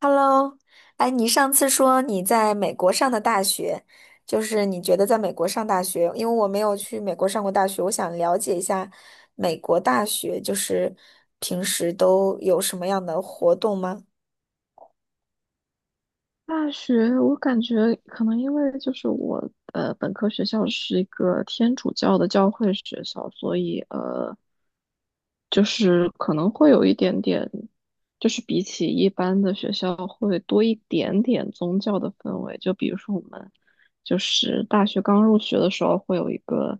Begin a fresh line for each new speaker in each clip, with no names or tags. Hello，哎，你上次说你在美国上的大学，就是你觉得在美国上大学，因为我没有去美国上过大学，我想了解一下美国大学，就是平时都有什么样的活动吗？
大学，我感觉可能因为就是我本科学校是一个天主教的教会学校，所以就是可能会有一点点，就是比起一般的学校会多一点点宗教的氛围。就比如说我们就是大学刚入学的时候会有一个，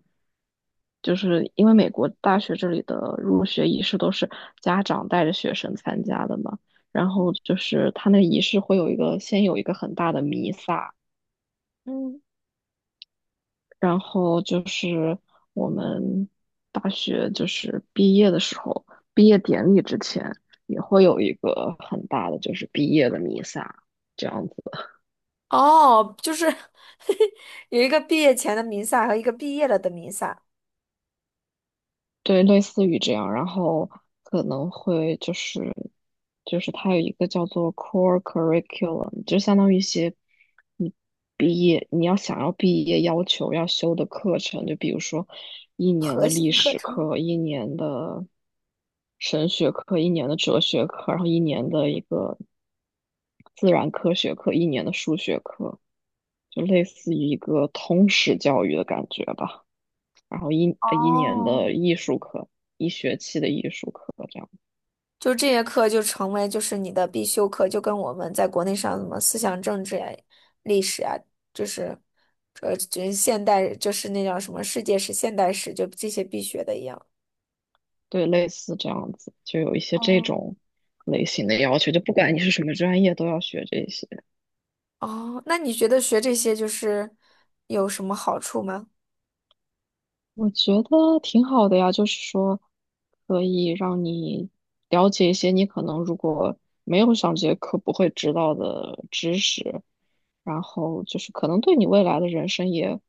就是因为美国大学这里的入学仪式都是家长带着学生参加的嘛。然后就是他那个仪式会有一个先有一个很大的弥撒，
嗯，
然后就是我们大学就是毕业的时候，毕业典礼之前也会有一个很大的就是毕业的弥撒，这样子。
哦，就是 有一个毕业前的弥撒和一个毕业了的弥撒，
对，类似于这样，然后可能会就是它有一个叫做 core curriculum，就相当于一些你毕业你要想要毕业要求要修的课程，就比如说一年
核
的历
心课
史
程。
课，一年的神学课，一年的哲学课，然后一年的一个自然科学课，一年的数学课，就类似于一个通识教育的感觉吧。然后一年
哦，
的艺术课，一学期的艺术课，这样，
就这些课就成为就是你的必修课，就跟我们在国内上什么思想政治呀、历史呀，就是这现代就是那叫什么世界史、现代史，就这些必学的一样。
对，类似这样子，就有一些这
哦，
种类型的要求，就不管你是什么专业，都要学这些。
哦，那你觉得学这些就是有什么好处吗？
我觉得挺好的呀，就是说可以让你了解一些你可能如果没有上这节课不会知道的知识，然后就是可能对你未来的人生也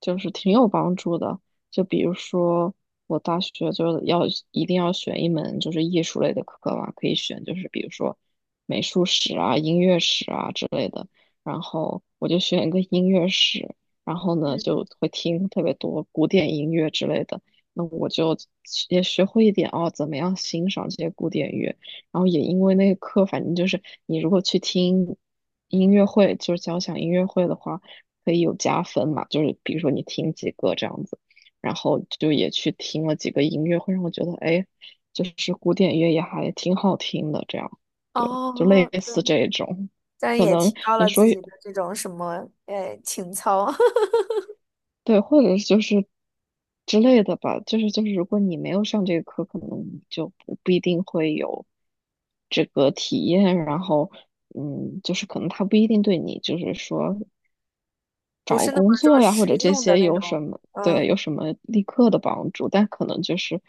就是挺有帮助的。就比如说我大学就要一定要选一门就是艺术类的课嘛，可以选就是比如说美术史啊、音乐史啊之类的，然后我就选一个音乐史。然后呢
嗯，
就会听特别多古典音乐之类的。那我就也学会一点哦，怎么样欣赏这些古典乐。然后也因为那个课，反正就是你如果去听音乐会，就是交响音乐会的话，可以有加分嘛。就是比如说你听几个这样子，然后就也去听了几个音乐会，让我觉得哎，就是古典乐也还挺好听的。这样，对，就类
哦，
似这种。
但
可
也
能
提高
你
了
说
自己的这种什么情操，
对，或者是就是之类的吧，就是，如果你没有上这个课，可能你就不一定会有这个体验，然后就是可能他不一定对你就是说
不
找
是那
工
么说
作呀或
实
者这
用的
些
那
有什
种。
么
嗯。
对有什么立刻的帮助，但可能就是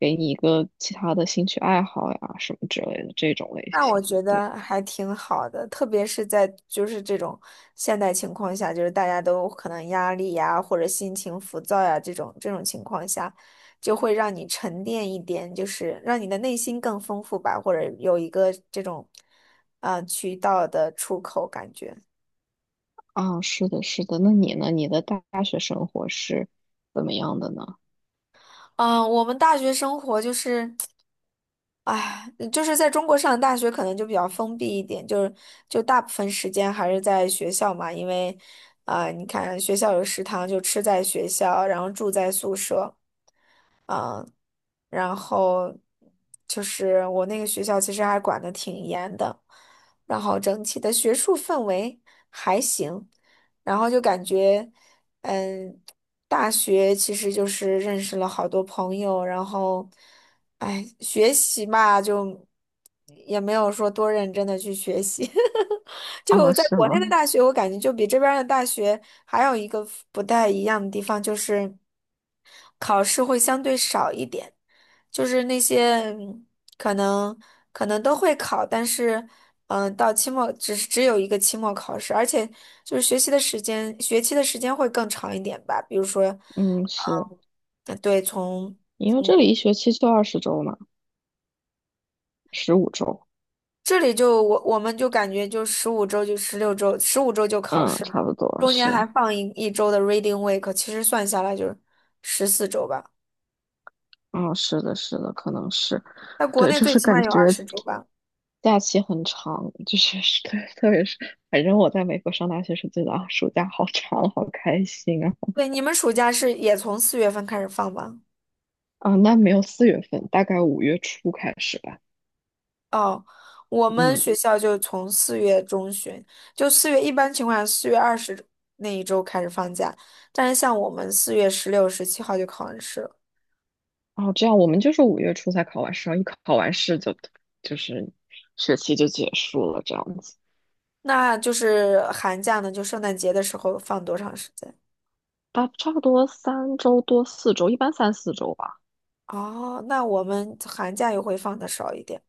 给你一个其他的兴趣爱好呀什么之类的这种类
那我
型的
觉
对
得还挺好的，特别是在就是这种现代情况下，就是大家都可能压力呀，或者心情浮躁呀，这种这种情况下，就会让你沉淀一点，就是让你的内心更丰富吧，或者有一个这种，渠道的出口感觉。
啊，是的，是的，那你呢？你的大学生活是怎么样的呢？
嗯，我们大学生活就是，哎，就是在中国上大学可能就比较封闭一点，就是就大部分时间还是在学校嘛，因为，啊、你看学校有食堂就吃在学校，然后住在宿舍。然后就是我那个学校其实还管得挺严的，然后整体的学术氛围还行，然后就感觉，嗯，大学其实就是认识了好多朋友，然后，哎，学习嘛，就也没有说多认真的去学习，就
啊，
在
是
国
吗？
内的大学，我感觉就比这边儿的大学还有一个不太一样的地方就是。考试会相对少一点。就是那些可能可能都会考，但是到期末只有一个期末考试，而且就是学习的时间，学期的时间会更长一点吧。比如说，
嗯，
嗯，
是。
对，从
因为这里一学期就20周嘛，15周，
这里就我们就感觉就十五周就16周，十五周就考
嗯，
试了，
差不多
中间还
是，
放一周的 reading week，其实算下来就是14周吧。
嗯，是的，是的，可能是，
在国
对，
内
就
最
是
起码
感
有二
觉
十周吧。
假期很长，就是是 对，特别是，反正我在美国上大学时觉得啊，暑假好长，好开心啊，
对，你们暑假是也从4月份开始放吗？
啊，那没有4月份，大概五月初开始吧，
哦，我们
嗯，
学校就从4月中旬，就四月一般情况下4月20那一周开始放假，但是像我们4月16、17号就考完试了，
哦，这样我们就是五月初才考完试，然后一考完试就是学期就结束了，这样子，
那就是寒假呢，就圣诞节的时候放多长时间？
大差不多三周多四周，一般三四周吧。
哦，那我们寒假又会放的少一点，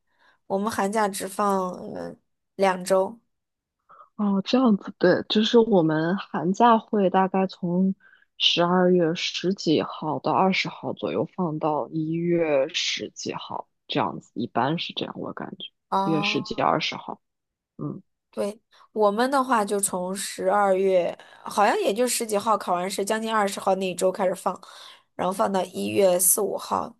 我们寒假只放两周。
哦，这样子，对，就是我们寒假会大概从12月十几号到二十号左右放到一月十几号，这样子，一般是这样，我感觉一月十几、
哦。
二十号，嗯，
对，我们的话就从十二月，好像也就十几号考完试，将近20号那一周开始放，然后放到一月四五号。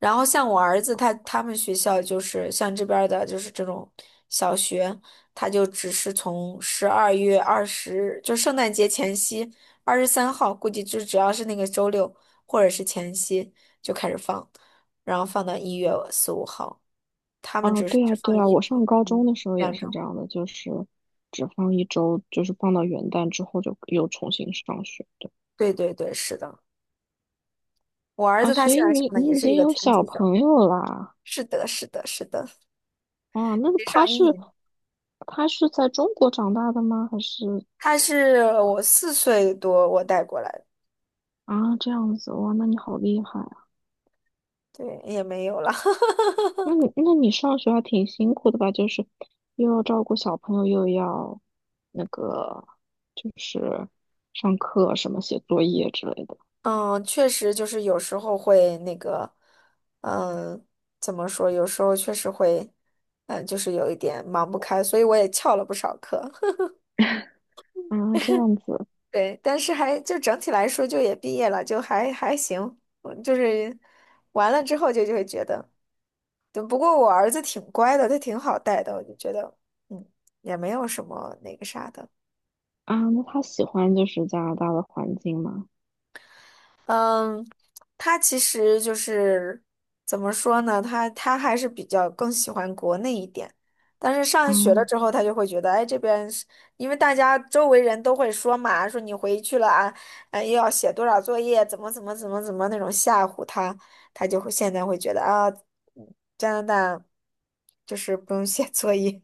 然后像我儿子他们学校就是像这边儿的，就是这种小学，他就只是从12月20，就圣诞节前夕23号，估计就只要是那个周六或者是前夕就开始放，然后放到一月四五号，他们
啊，
只是
对
只
啊，对
放
啊，我上高
嗯
中的时候也
两
是
周。
这样的，就是只放一周，就是放到元旦之后就又重新上学的
对对对，是的。我儿
啊，
子他
所
现
以
在上
你
的也
你已
是一
经
个
有
天
小
主教。
朋友啦，
是的，是的，是的，
啊，那
得
他
上一
是
年。
在中国长大的吗？还是？
他是我4岁多我带过来的，
啊，这样子哇，那你好厉害啊！
对，也没有了。
那你上学还挺辛苦的吧？就是又要照顾小朋友，又要那个就是上课什么写作业之类的
嗯，确实就是有时候会那个，嗯，怎么说？有时候确实会，嗯，就是有一点忙不开，所以我也翘了不少课。
啊，这样子
对，但是还就整体来说，就也毕业了，就还行。嗯就是完了之后就会觉得。对，不过我儿子挺乖的，他挺好带的，我就觉得，嗯，也没有什么那个啥的。
啊，那他喜欢就是加拿大的环境吗？
嗯，他其实就是怎么说呢，他还是比较更喜欢国内一点，但是上
啊，
学了之后，他就会觉得，哎，这边是因为大家周围人都会说嘛，说你回去了啊，又要写多少作业，怎么怎么怎么怎么那种吓唬他，他就会现在会觉得啊，加拿大就是不用写作业。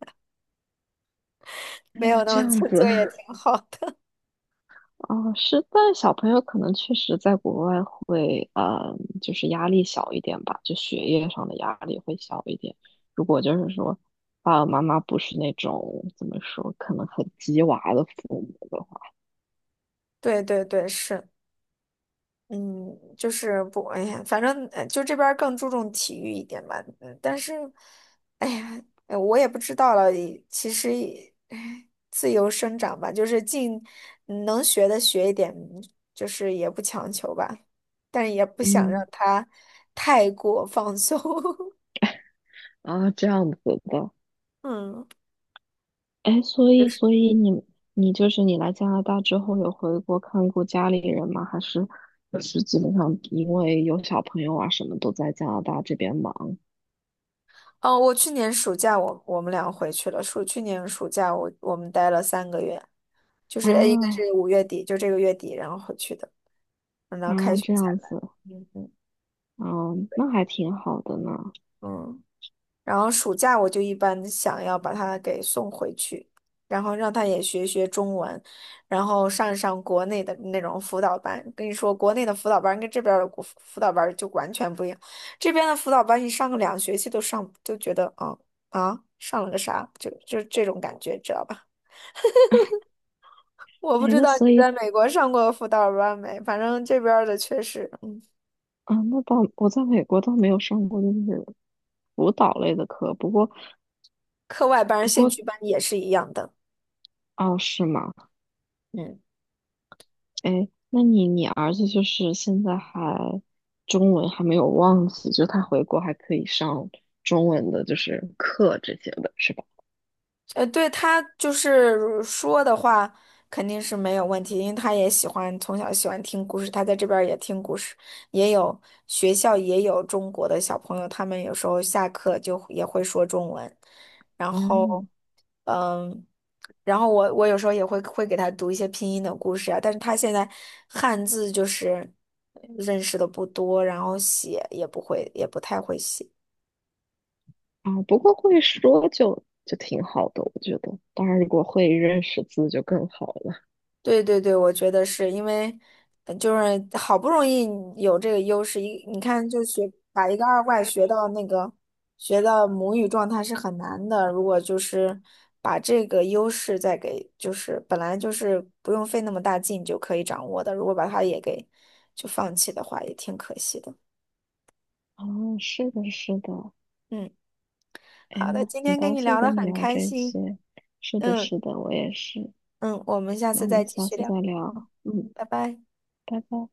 没
那
有那
这
么
样
做
子，
作也 挺好的。
哦，是，但小朋友可能确实在国外会，嗯，就是压力小一点吧，就学业上的压力会小一点。如果就是说，爸爸妈妈不是那种怎么说，可能很鸡娃的父母的话，
对对对，是，嗯，就是不，哎呀，反正就这边儿更注重体育一点吧。嗯，但是，哎呀，我也不知道了。其实也，哎自由生长吧，就是尽能学的学一点，就是也不强求吧，但是也不想让
嗯，
他太过放松。
啊，这样子的，
嗯。
哎，所
就
以，
是，
所以你，你就是你来加拿大之后有回国看过家里人吗？还是就是基本上因为有小朋友啊，什么都在加拿大这边忙
哦，我去年暑假我们俩回去了。去年暑假我们待了3个月。就是应该
啊
是5月底，就这个月底，然后回去的，等到开
啊，
学
这
才
样
来。
子。
嗯嗯
嗯，那还挺好的呢。
嗯。然后暑假我就一般想要把他给送回去，然后让他也学学中文，然后上国内的那种辅导班。跟你说，国内的辅导班跟这边儿的国辅导班儿就完全不一样。这边的辅导班，你上个2学期都上，就觉得啊啊，上了个啥，就这种感觉，知道吧？我不
哎，
知
那
道
所
你
以
在美国上过辅导班没，反正这边儿的确实。
啊，那倒我在美国倒没有上过就是舞蹈类的课，不过
课外班儿
不
兴
过
趣班也是一样的。
哦，是吗？
嗯，
哎，那你儿子就是现在还中文还没有忘记，就他回国还可以上中文的，就是课这些的，是吧？
呃，对他就是说的话肯定是没有问题，因为他也喜欢从小喜欢听故事，他在这边儿也听故事，也有学校也有中国的小朋友，他们有时候下课就也会说中文，然后。
嗯
然后我有时候也会给他读一些拼音的故事啊，但是他现在汉字就是认识的不多，然后写也不会，也不太会写。
啊，不过会说就挺好的，我觉得。当然，如果会认识字就更好了。
对对对，我觉得是因为，就是好不容易有这个优势，一你看就学把一个二外学到那个学到母语状态是很难的。如果就是把这个优势再给，就是本来就是不用费那么大劲就可以掌握的，如果把它也给就放弃的话，也挺可惜的。
哦，是的，是的。
嗯，
哎，
好的，
那
今
很
天跟
高
你
兴
聊得
跟你
很
聊
开
这
心。
些。是的，
嗯
是的，我也是。
嗯，我们下
那
次
我
再
们
继
下
续
次再
聊。嗯，
聊。嗯，
拜拜。
拜拜。